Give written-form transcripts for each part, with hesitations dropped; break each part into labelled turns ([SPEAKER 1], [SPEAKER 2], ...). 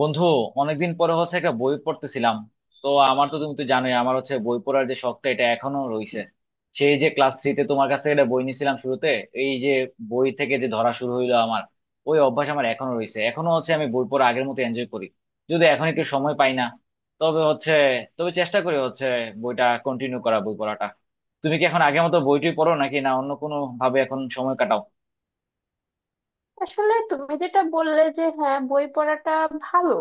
[SPEAKER 1] বন্ধু, অনেকদিন পরে হচ্ছে একটা বই পড়তেছিলাম। তো আমার তো তুমি তো জানোই, আমার হচ্ছে বই পড়ার যে শখটা, এটা এখনো রয়েছে। সেই যে ক্লাস 3-তে তোমার কাছে একটা বই নিয়েছিলাম শুরুতে, এই যে বই থেকে যে ধরা শুরু হইলো আমার, ওই অভ্যাস আমার এখনো রয়েছে। এখনো হচ্ছে আমি বই পড়া আগের মতো এনজয় করি। যদি এখন একটু সময় পাই না, তবে হচ্ছে, তবে চেষ্টা করি হচ্ছে বইটা কন্টিনিউ করা, বই পড়াটা। তুমি কি এখন আগের মতো বইটই পড়ো নাকি না অন্য কোনো ভাবে এখন সময় কাটাও?
[SPEAKER 2] আসলে তুমি যেটা বললে যে হ্যাঁ, বই পড়াটা ভালো।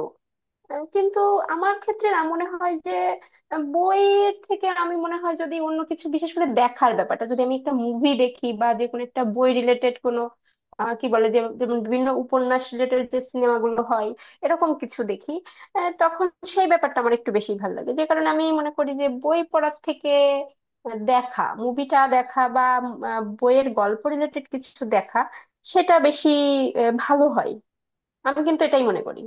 [SPEAKER 2] কিন্তু আমার ক্ষেত্রে না মনে হয় যে বইয়ের থেকে আমি মনে হয় যদি অন্য কিছু, বিশেষ করে দেখার ব্যাপারটা, যদি আমি একটা মুভি দেখি বা যে কোনো একটা বই রিলেটেড কোনো কি বলে যে, যেমন বিভিন্ন উপন্যাস রিলেটেড যে সিনেমাগুলো হয় এরকম কিছু দেখি, তখন সেই ব্যাপারটা আমার একটু বেশি ভালো লাগে। যে কারণে আমি মনে করি যে বই পড়ার থেকে দেখা, মুভিটা দেখা বা বইয়ের গল্প রিলেটেড কিছু দেখা সেটা বেশি ভালো হয়। আমি কিন্তু এটাই মনে করি।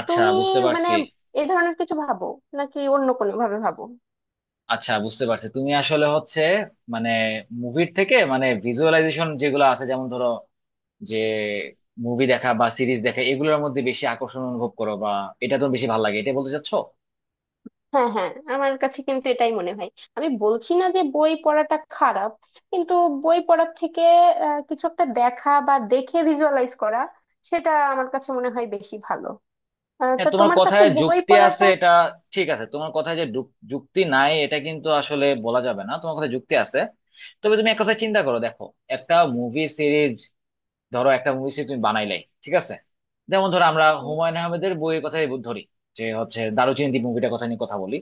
[SPEAKER 1] আচ্ছা
[SPEAKER 2] তুমি
[SPEAKER 1] বুঝতে
[SPEAKER 2] মানে
[SPEAKER 1] পারছি
[SPEAKER 2] এ ধরনের কিছু ভাবো নাকি অন্য কোনো ভাবে ভাবো?
[SPEAKER 1] আচ্ছা বুঝতে পারছি। তুমি আসলে হচ্ছে, মানে, মুভির থেকে মানে ভিজুয়ালাইজেশন যেগুলো আছে, যেমন ধরো যে মুভি দেখা বা সিরিজ দেখা, এগুলোর মধ্যে বেশি আকর্ষণ অনুভব করো, বা এটা তোমার বেশি ভালো লাগে, এটা বলতে চাচ্ছো?
[SPEAKER 2] হ্যাঁ, হ্যাঁ, আমার কাছে কিন্তু এটাই মনে হয়। আমি বলছি না যে বই পড়াটা খারাপ, কিন্তু বই পড়ার থেকে কিছু একটা দেখা বা দেখে ভিজুয়ালাইজ করা সেটা আমার কাছে মনে হয় বেশি ভালো। তা
[SPEAKER 1] হ্যাঁ, তোমার
[SPEAKER 2] তোমার কাছে
[SPEAKER 1] কথায়
[SPEAKER 2] বই
[SPEAKER 1] যুক্তি আছে
[SPEAKER 2] পড়াটা
[SPEAKER 1] এটা। ঠিক আছে, তোমার কথায় যে যুক্তি নাই এটা কিন্তু আসলে বলা যাবে না, তোমার কথায় যুক্তি আছে। তবে তুমি এক কথা চিন্তা করো, দেখো একটা মুভি সিরিজ, ধরো একটা মুভি সিরিজ তুমি বানাইলাই, ঠিক আছে? যেমন ধরো আমরা
[SPEAKER 2] উম,
[SPEAKER 1] হুমায়ুন আহমেদের বইয়ের কথাই ধরি, যে হচ্ছে দারুচিনি দ্বীপ মুভিটার কথা নিয়ে কথা বলি।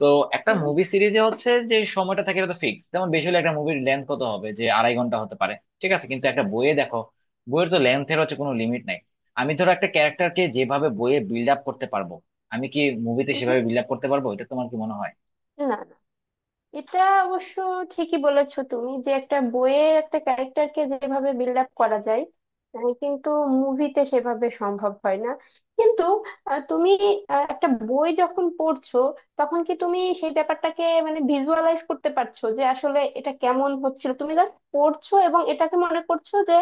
[SPEAKER 1] তো একটা
[SPEAKER 2] উম,
[SPEAKER 1] মুভি সিরিজে হচ্ছে যে সময়টা থাকে এটা তো ফিক্স, যেমন বেশি হলে একটা মুভির লেন্থ কত হবে, যে 2.5 ঘন্টা হতে পারে। ঠিক আছে, কিন্তু একটা বইয়ে দেখো, বইয়ের তো লেন্থের হচ্ছে কোনো লিমিট নাই। আমি ধরো একটা ক্যারেক্টারকে যেভাবে বইয়ে বিল্ড আপ করতে পারবো, আমি কি মুভিতে
[SPEAKER 2] উম,
[SPEAKER 1] সেভাবে বিল্ড আপ করতে পারবো? এটা তোমার কি মনে হয়?
[SPEAKER 2] না, এটা অবশ্য ঠিকই বলেছো তুমি যে একটা বইয়ে একটা ক্যারেক্টারকে যেভাবে বিল্ড আপ করা যায় কিন্তু মুভিতে সেভাবে সম্ভব হয় না। কিন্তু তুমি একটা বই যখন পড়ছো তখন কি তুমি সেই ব্যাপারটাকে মানে ভিজুয়ালাইজ করতে পারছো যে আসলে এটা কেমন হচ্ছিল? তুমি জাস্ট পড়ছো এবং এটাকে মনে করছো যে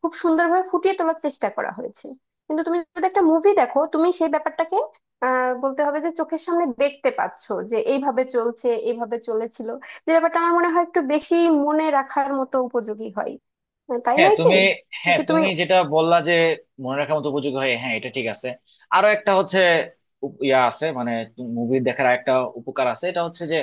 [SPEAKER 2] খুব সুন্দরভাবে ফুটিয়ে তোলার চেষ্টা করা হয়েছে। কিন্তু তুমি যদি একটা মুভি দেখো তুমি সেই ব্যাপারটাকে বলতে হবে যে চোখের সামনে দেখতে পাচ্ছ যে এইভাবে চলছে, এইভাবে চলেছিল। যে ব্যাপারটা আমার মনে হয় একটু বেশি মনে রাখার মতো উপযোগী হয়। তাই
[SPEAKER 1] হ্যাঁ
[SPEAKER 2] নয় কি?
[SPEAKER 1] তুমি হ্যাঁ
[SPEAKER 2] নাকি তুমি
[SPEAKER 1] তুমি যেটা বললা যে মনে রাখার মতো উপযোগী হয়, হ্যাঁ এটা ঠিক আছে। আরো একটা হচ্ছে, ইয়া আছে মানে, মুভি দেখার একটা উপকার আছে, এটা হচ্ছে যে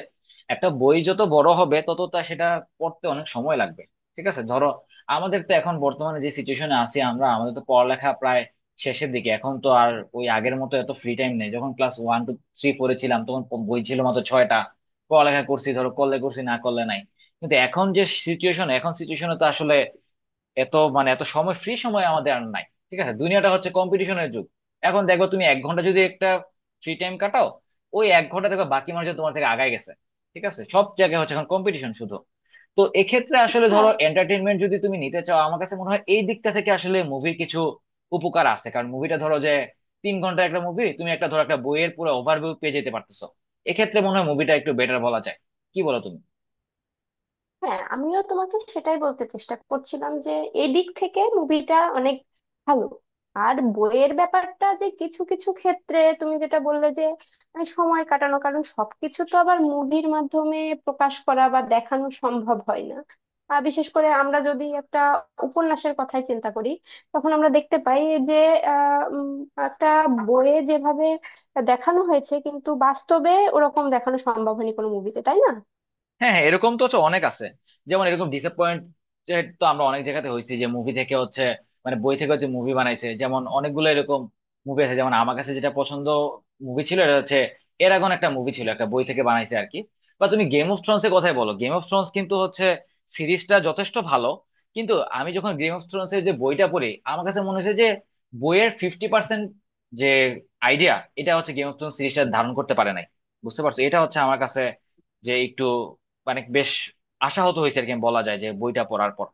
[SPEAKER 1] একটা বই যত বড় হবে তত তা সেটা পড়তে অনেক সময় লাগবে। ঠিক আছে, ধরো আমাদের তো এখন বর্তমানে যে সিচুয়েশনে আছি আমরা, আমাদের তো পড়ালেখা প্রায় শেষের দিকে। এখন তো আর ওই আগের মতো এত ফ্রি টাইম নেই। যখন ক্লাস 1, 2, 3, 4-এ ছিলাম, তখন বই ছিল মাত্র 6টা, পড়ালেখা করছি ধরো, করলে করছি না করলে নাই। কিন্তু এখন যে সিচুয়েশনে তো আসলে এত ফ্রি সময় আমাদের আর নাই। ঠিক আছে, দুনিয়াটা হচ্ছে কম্পিটিশনের যুগ। এখন দেখো তুমি 1 ঘন্টা যদি একটা ফ্রি টাইম কাটাও, ওই 1 ঘন্টা দেখো বাকি মানুষজন তোমার থেকে আগায় গেছে। ঠিক আছে, সব জায়গায় হচ্ছে এখন কম্পিটিশন শুধু। তো এক্ষেত্রে আসলে ধরো,
[SPEAKER 2] হ্যাঁ,
[SPEAKER 1] এন্টারটেনমেন্ট যদি তুমি নিতে চাও, আমার কাছে মনে হয় এই দিকটা থেকে আসলে মুভির কিছু উপকার আছে। কারণ মুভিটা ধরো যে 3 ঘন্টার একটা মুভি, তুমি একটা ধরো একটা বইয়ের পুরো ওভারভিউ পেয়ে যেতে পারতেছো। এক্ষেত্রে মনে হয় মুভিটা একটু বেটার বলা যায়, কি বলো তুমি?
[SPEAKER 2] হ্যাঁ, আমিও তোমাকে সেটাই বলতে চেষ্টা করছিলাম যে এদিক থেকে মুভিটা অনেক ভালো। আর বইয়ের ব্যাপারটা যে কিছু কিছু ক্ষেত্রে তুমি যেটা বললে যে সময় কাটানো, কারণ সবকিছু তো আবার মুভির মাধ্যমে প্রকাশ করা বা দেখানো সম্ভব হয় না। আর বিশেষ করে আমরা যদি একটা উপন্যাসের কথাই চিন্তা করি তখন আমরা দেখতে পাই যে আহ উম, একটা বইয়ে যেভাবে দেখানো হয়েছে কিন্তু বাস্তবে ওরকম দেখানো সম্ভব হয়নি কোনো মুভিতে, তাই না?
[SPEAKER 1] হ্যাঁ, হ্যাঁ, এরকম তো হচ্ছে অনেক আছে। যেমন এরকম ডিসঅ্যাপয়েন্টেড তো আমরা অনেক জায়গাতে হয়েছি, যে মুভি থেকে হচ্ছে, মানে বই থেকে হচ্ছে মুভি বানাইছে, যেমন অনেকগুলো এরকম মুভি আছে। যেমন আমার কাছে যেটা পছন্দ মুভি ছিল, এটা হচ্ছে এরাগন, একটা মুভি ছিল একটা বই থেকে বানাইছে আর কি। বা তুমি গেম অফ থ্রোনস এর কথাই বলো, গেম অফ থ্রোনস কিন্তু হচ্ছে সিরিজটা যথেষ্ট ভালো। কিন্তু আমি যখন গেম অফ থ্রোনস এর যে বইটা পড়ি, আমার কাছে মনে হয়েছে যে বইয়ের 50% যে আইডিয়া, এটা হচ্ছে গেম অফ থ্রোনস সিরিজটা ধারণ করতে পারে নাই। বুঝতে পারছো? এটা হচ্ছে আমার কাছে যে একটু মানে বেশ আশাহত হয়েছে আর কি বলা যায়, যে বইটা পড়ার পর।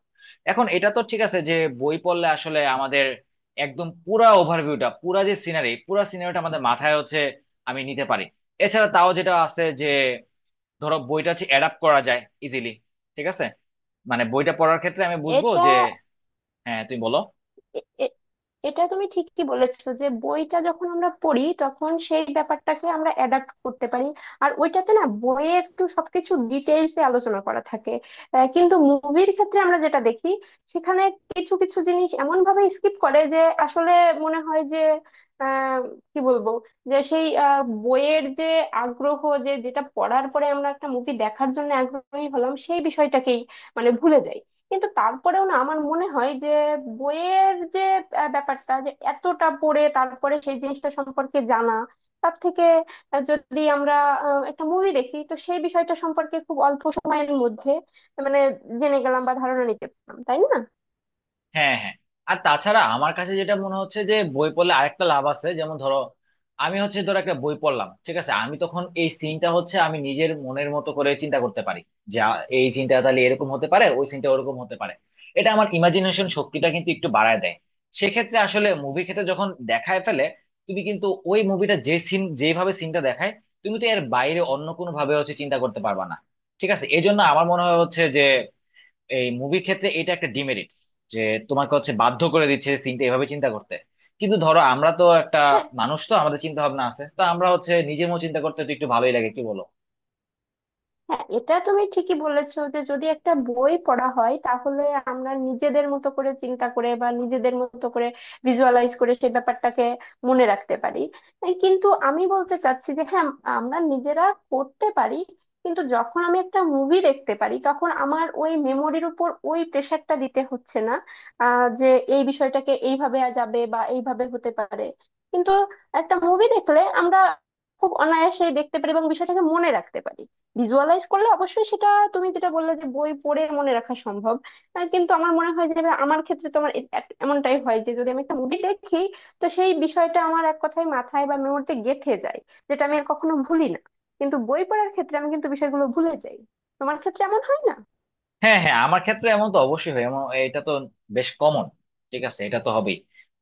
[SPEAKER 1] এখন এটা তো ঠিক আছে যে বই পড়লে আসলে আমাদের একদম পুরা ওভারভিউটা, পুরা যে সিনারি, পুরা সিনারিটা আমাদের মাথায় হচ্ছে আমি নিতে পারি। এছাড়া তাও যেটা আছে যে ধরো বইটা হচ্ছে অ্যাডাপ্ট করা যায় ইজিলি, ঠিক আছে, মানে বইটা পড়ার ক্ষেত্রে আমি বুঝবো
[SPEAKER 2] এটা
[SPEAKER 1] যে, হ্যাঁ তুমি বলো।
[SPEAKER 2] এ- এ- এটা তুমি ঠিকই বলেছো যে বইটা যখন আমরা পড়ি তখন সেই ব্যাপারটাকে আমরা অ্যাডাপ্ট করতে পারি। আর ওইটাতে না বইয়ে একটু সবকিছু ডিটেইলসে আলোচনা করা থাকে। কিন্তু মুভির ক্ষেত্রে আমরা যেটা দেখি সেখানে কিছু কিছু জিনিস এমন ভাবে স্কিপ করে যে আসলে মনে হয় যে আহ কি বলবো, যে সেই বইয়ের যে আগ্রহ, যে যেটা পড়ার পরে আমরা একটা মুভি দেখার জন্য আগ্রহী হলাম, সেই বিষয়টাকেই মানে ভুলে যাই। কিন্তু তারপরেও না আমার মনে হয় যে বইয়ের যে ব্যাপারটা যে এতটা পড়ে তারপরে সেই জিনিসটা সম্পর্কে জানা, তার থেকে যদি আমরা একটা মুভি দেখি তো সেই বিষয়টা সম্পর্কে খুব অল্প সময়ের মধ্যে মানে জেনে গেলাম বা ধারণা নিতে পারলাম, তাই না?
[SPEAKER 1] হ্যাঁ, হ্যাঁ, আর তাছাড়া আমার কাছে যেটা মনে হচ্ছে যে বই পড়লে আরেকটা লাভ আছে, যেমন ধরো আমি হচ্ছে ধরো একটা বই পড়লাম, ঠিক আছে, আমি তখন এই সিনটা হচ্ছে আমি নিজের মনের মতো করে চিন্তা করতে পারি। যে এই সিনটা তাহলে এরকম হতে পারে, ওই সিনটা ওরকম হতে পারে। এটা আমার ইমাজিনেশন শক্তিটা কিন্তু একটু বাড়ায় দেয়। সেক্ষেত্রে আসলে মুভির ক্ষেত্রে যখন দেখায় ফেলে, তুমি কিন্তু ওই মুভিটা যে সিন, যেভাবে সিনটা দেখায়, তুমি তো এর বাইরে অন্য কোনো ভাবে হচ্ছে চিন্তা করতে পারবা না। ঠিক আছে, এই জন্য আমার মনে হয় হচ্ছে যে এই মুভির ক্ষেত্রে এটা একটা ডিমেরিটস, যে তোমাকে হচ্ছে বাধ্য করে দিচ্ছে সিনটা এভাবে চিন্তা করতে। কিন্তু ধরো আমরা তো একটা
[SPEAKER 2] হ্যাঁ,
[SPEAKER 1] মানুষ, তো আমাদের চিন্তা ভাবনা আছে, তো আমরা হচ্ছে নিজের মতো চিন্তা করতে তো একটু ভালোই লাগে, কি বলো?
[SPEAKER 2] হ্যাঁ, এটা তুমি ঠিকই বলেছো যে যদি একটা বই পড়া হয় তাহলে আমরা নিজেদের মতো করে চিন্তা করে বা নিজেদের মতো করে ভিজুয়ালাইজ করে সেই ব্যাপারটাকে মনে রাখতে পারি। এই কিন্তু আমি বলতে চাচ্ছি যে হ্যাঁ, আমরা নিজেরা করতে পারি, কিন্তু যখন আমি একটা মুভি দেখতে পারি তখন আমার ওই মেমোরির উপর ওই প্রেশারটা দিতে হচ্ছে না যে এই বিষয়টাকে এইভাবে যাবে বা এইভাবে হতে পারে। কিন্তু একটা মুভি দেখলে আমরা খুব অনায়াসে দেখতে পারি এবং বিষয়টাকে মনে রাখতে পারি। ভিজুয়ালাইজ করলে অবশ্যই সেটা তুমি যেটা বললে যে বই পড়ে মনে রাখা সম্ভব, কিন্তু আমার মনে হয় যে আমার ক্ষেত্রে তোমার এমনটাই হয় যে যদি আমি একটা মুভি দেখি তো সেই বিষয়টা আমার এক কথায় মাথায় বা মেমোরিতে গেঁথে যায়, যেটা আমি আর কখনো ভুলি না। কিন্তু বই পড়ার ক্ষেত্রে আমি কিন্তু বিষয়গুলো ভুলে যাই। তোমার ক্ষেত্রে এমন হয় না?
[SPEAKER 1] হ্যাঁ, হ্যাঁ, আমার ক্ষেত্রে এমন তো অবশ্যই হয়, এমন এটা তো বেশ কমন। ঠিক আছে, এটা তো হবেই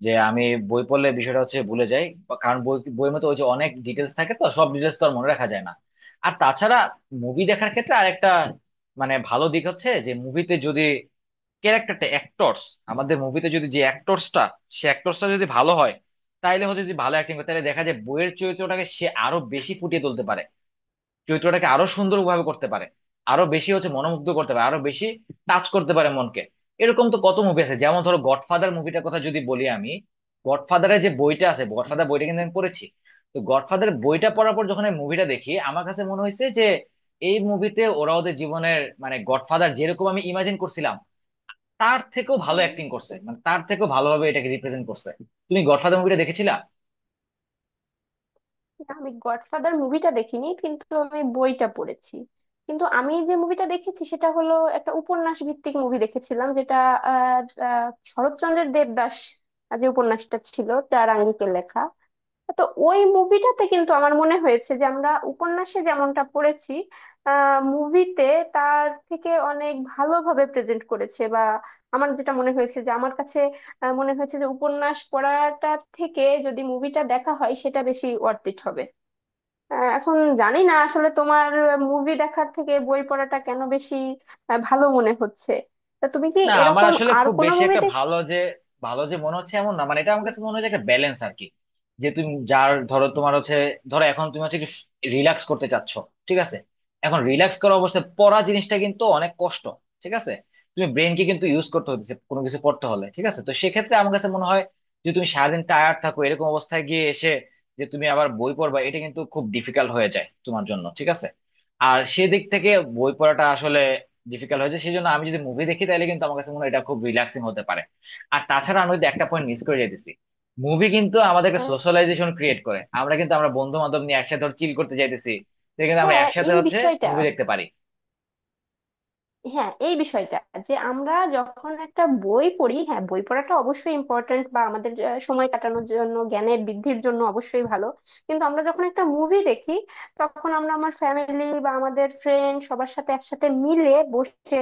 [SPEAKER 1] যে আমি বই পড়লে বিষয়টা হচ্ছে ভুলে যাই, বা কারণ বই, বইয়ের মধ্যে ওই যে অনেক ডিটেলস থাকে, তো সব ডিটেলস তো আর মনে রাখা যায় না। আর তাছাড়া মুভি দেখার ক্ষেত্রে আরেকটা মানে ভালো দিক হচ্ছে যে মুভিতে যদি ক্যারেক্টারটা অ্যাক্টরস, আমাদের মুভিতে যদি যে অ্যাক্টরসটা, সে অ্যাক্টরসটা যদি ভালো হয়, তাইলে হচ্ছে যদি ভালো অ্যাক্টিং করে, তাহলে দেখা যায় বইয়ের চরিত্রটাকে সে আরো বেশি ফুটিয়ে তুলতে পারে, চরিত্রটাকে আরো সুন্দরভাবে করতে পারে, আরো বেশি হচ্ছে মনোমুগ্ধ করতে পারে, আরো বেশি টাচ করতে পারে মনকে। এরকম তো কত মুভি আছে, যেমন ধরো গডফাদার মুভিটার কথা যদি বলি আমি, গডফাদারের যে বইটা আছে, গডফাদার বইটা কিন্তু আমি পড়েছি। তো গডফাদার বইটা পড়ার পর যখন আমি মুভিটা দেখি, আমার কাছে মনে হয়েছে যে এই মুভিতে ওরা ওদের জীবনের মানে গডফাদার যেরকম আমি ইমাজিন করছিলাম, তার থেকেও ভালো অ্যাক্টিং করছে, মানে তার থেকেও ভালোভাবে এটাকে রিপ্রেজেন্ট করছে। তুমি গডফাদার মুভিটা দেখেছিলা?
[SPEAKER 2] না, আমি গডফাদার মুভিটা দেখিনি, কিন্তু আমি বইটা পড়েছি। কিন্তু আমি যে মুভিটা দেখেছি সেটা হলো একটা উপন্যাস ভিত্তিক মুভি দেখেছিলাম, যেটা আহ, আহ, শরৎচন্দ্রের দেবদাস যে উপন্যাসটা ছিল তার আঙ্গিকে লেখা। তো ওই মুভিটাতে কিন্তু আমার মনে হয়েছে যে আমরা উপন্যাসে যেমনটা পড়েছি মুভিতে তার থেকে অনেক ভালোভাবে প্রেজেন্ট করেছে। বা আমার যেটা মনে হয়েছে যে আমার কাছে মনে হয়েছে যে উপন্যাস পড়াটা থেকে যদি মুভিটা দেখা হয় সেটা বেশি ওয়ার্থ ইট হবে। এখন জানি না আসলে তোমার মুভি দেখার থেকে বই পড়াটা কেন বেশি ভালো মনে হচ্ছে। তা তুমি কি
[SPEAKER 1] না, আমার
[SPEAKER 2] এরকম
[SPEAKER 1] আসলে
[SPEAKER 2] আর
[SPEAKER 1] খুব
[SPEAKER 2] কোনো
[SPEAKER 1] বেশি
[SPEAKER 2] মুভি
[SPEAKER 1] একটা
[SPEAKER 2] দেখ?
[SPEAKER 1] ভালো যে, ভালো যে মনে হচ্ছে এমন না, মানে এটা আমার কাছে মনে হয় যে একটা ব্যালেন্স আর কি। যে তুমি যার ধরো তোমার হচ্ছে, ধরো এখন তুমি হচ্ছে রিল্যাক্স করতে চাচ্ছ, ঠিক আছে? এখন রিল্যাক্স করা অবস্থায় পড়া জিনিসটা কিন্তু অনেক কষ্ট, ঠিক আছে? তুমি ব্রেনকে কিন্তু ইউজ করতে হচ্ছে কোনো কিছু পড়তে হলে, ঠিক আছে? তো সেক্ষেত্রে আমার কাছে মনে হয় যে তুমি সারাদিন টায়ার্ড থাকো, এরকম অবস্থায় গিয়ে এসে যে তুমি আবার বই পড়বা, এটা কিন্তু খুব ডিফিকাল্ট হয়ে যায় তোমার জন্য, ঠিক আছে। আর সেদিক থেকে বই পড়াটা আসলে ডিফিকাল্ট হয়েছে, সেই জন্য আমি যদি মুভি দেখি তাহলে কিন্তু আমার কাছে মনে হয় এটা খুব রিল্যাক্সিং হতে পারে। আর তাছাড়া আমি কিন্তু একটা পয়েন্ট মিস করে যেতেছি, মুভি কিন্তু আমাদেরকে
[SPEAKER 2] হ্যাঁ।
[SPEAKER 1] সোশ্যালাইজেশন ক্রিয়েট করে, আমরা কিন্তু, আমরা বন্ধু বান্ধব নিয়ে একসাথে চিল করতে যাইতেছি, তো কিন্তু আমরা
[SPEAKER 2] হ্যাঁ,
[SPEAKER 1] একসাথে
[SPEAKER 2] এই
[SPEAKER 1] হচ্ছে
[SPEAKER 2] বিষয়টা।
[SPEAKER 1] মুভি দেখতে পারি।
[SPEAKER 2] হ্যাঁ, এই বিষয়টা যে আমরা যখন একটা বই পড়ি হ্যাঁ বই পড়াটা অবশ্যই ইম্পর্ট্যান্ট বা আমাদের যে সময় কাটানোর জন্য, জ্ঞানের বৃদ্ধির জন্য অবশ্যই ভালো। কিন্তু আমরা যখন একটা মুভি দেখি তখন আমরা আমার ফ্যামিলি বা আমাদের ফ্রেন্ড সবার সাথে একসাথে মিলে বসে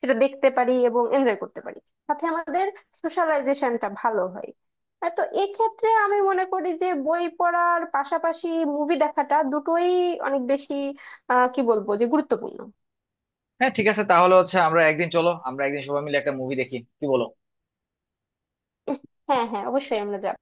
[SPEAKER 2] সেটা দেখতে পারি এবং এনজয় করতে পারি। সাথে আমাদের সোশ্যালাইজেশনটা ভালো হয়। তো এক্ষেত্রে আমি মনে করি যে বই পড়ার পাশাপাশি মুভি দেখাটা দুটোই অনেক বেশি কি বলবো, যে গুরুত্বপূর্ণ।
[SPEAKER 1] হ্যাঁ ঠিক আছে, তাহলে হচ্ছে আমরা একদিন, চলো আমরা একদিন সবাই মিলে একটা মুভি দেখি, কি বলো?
[SPEAKER 2] হ্যাঁ, হ্যাঁ, অবশ্যই আমরা যাব।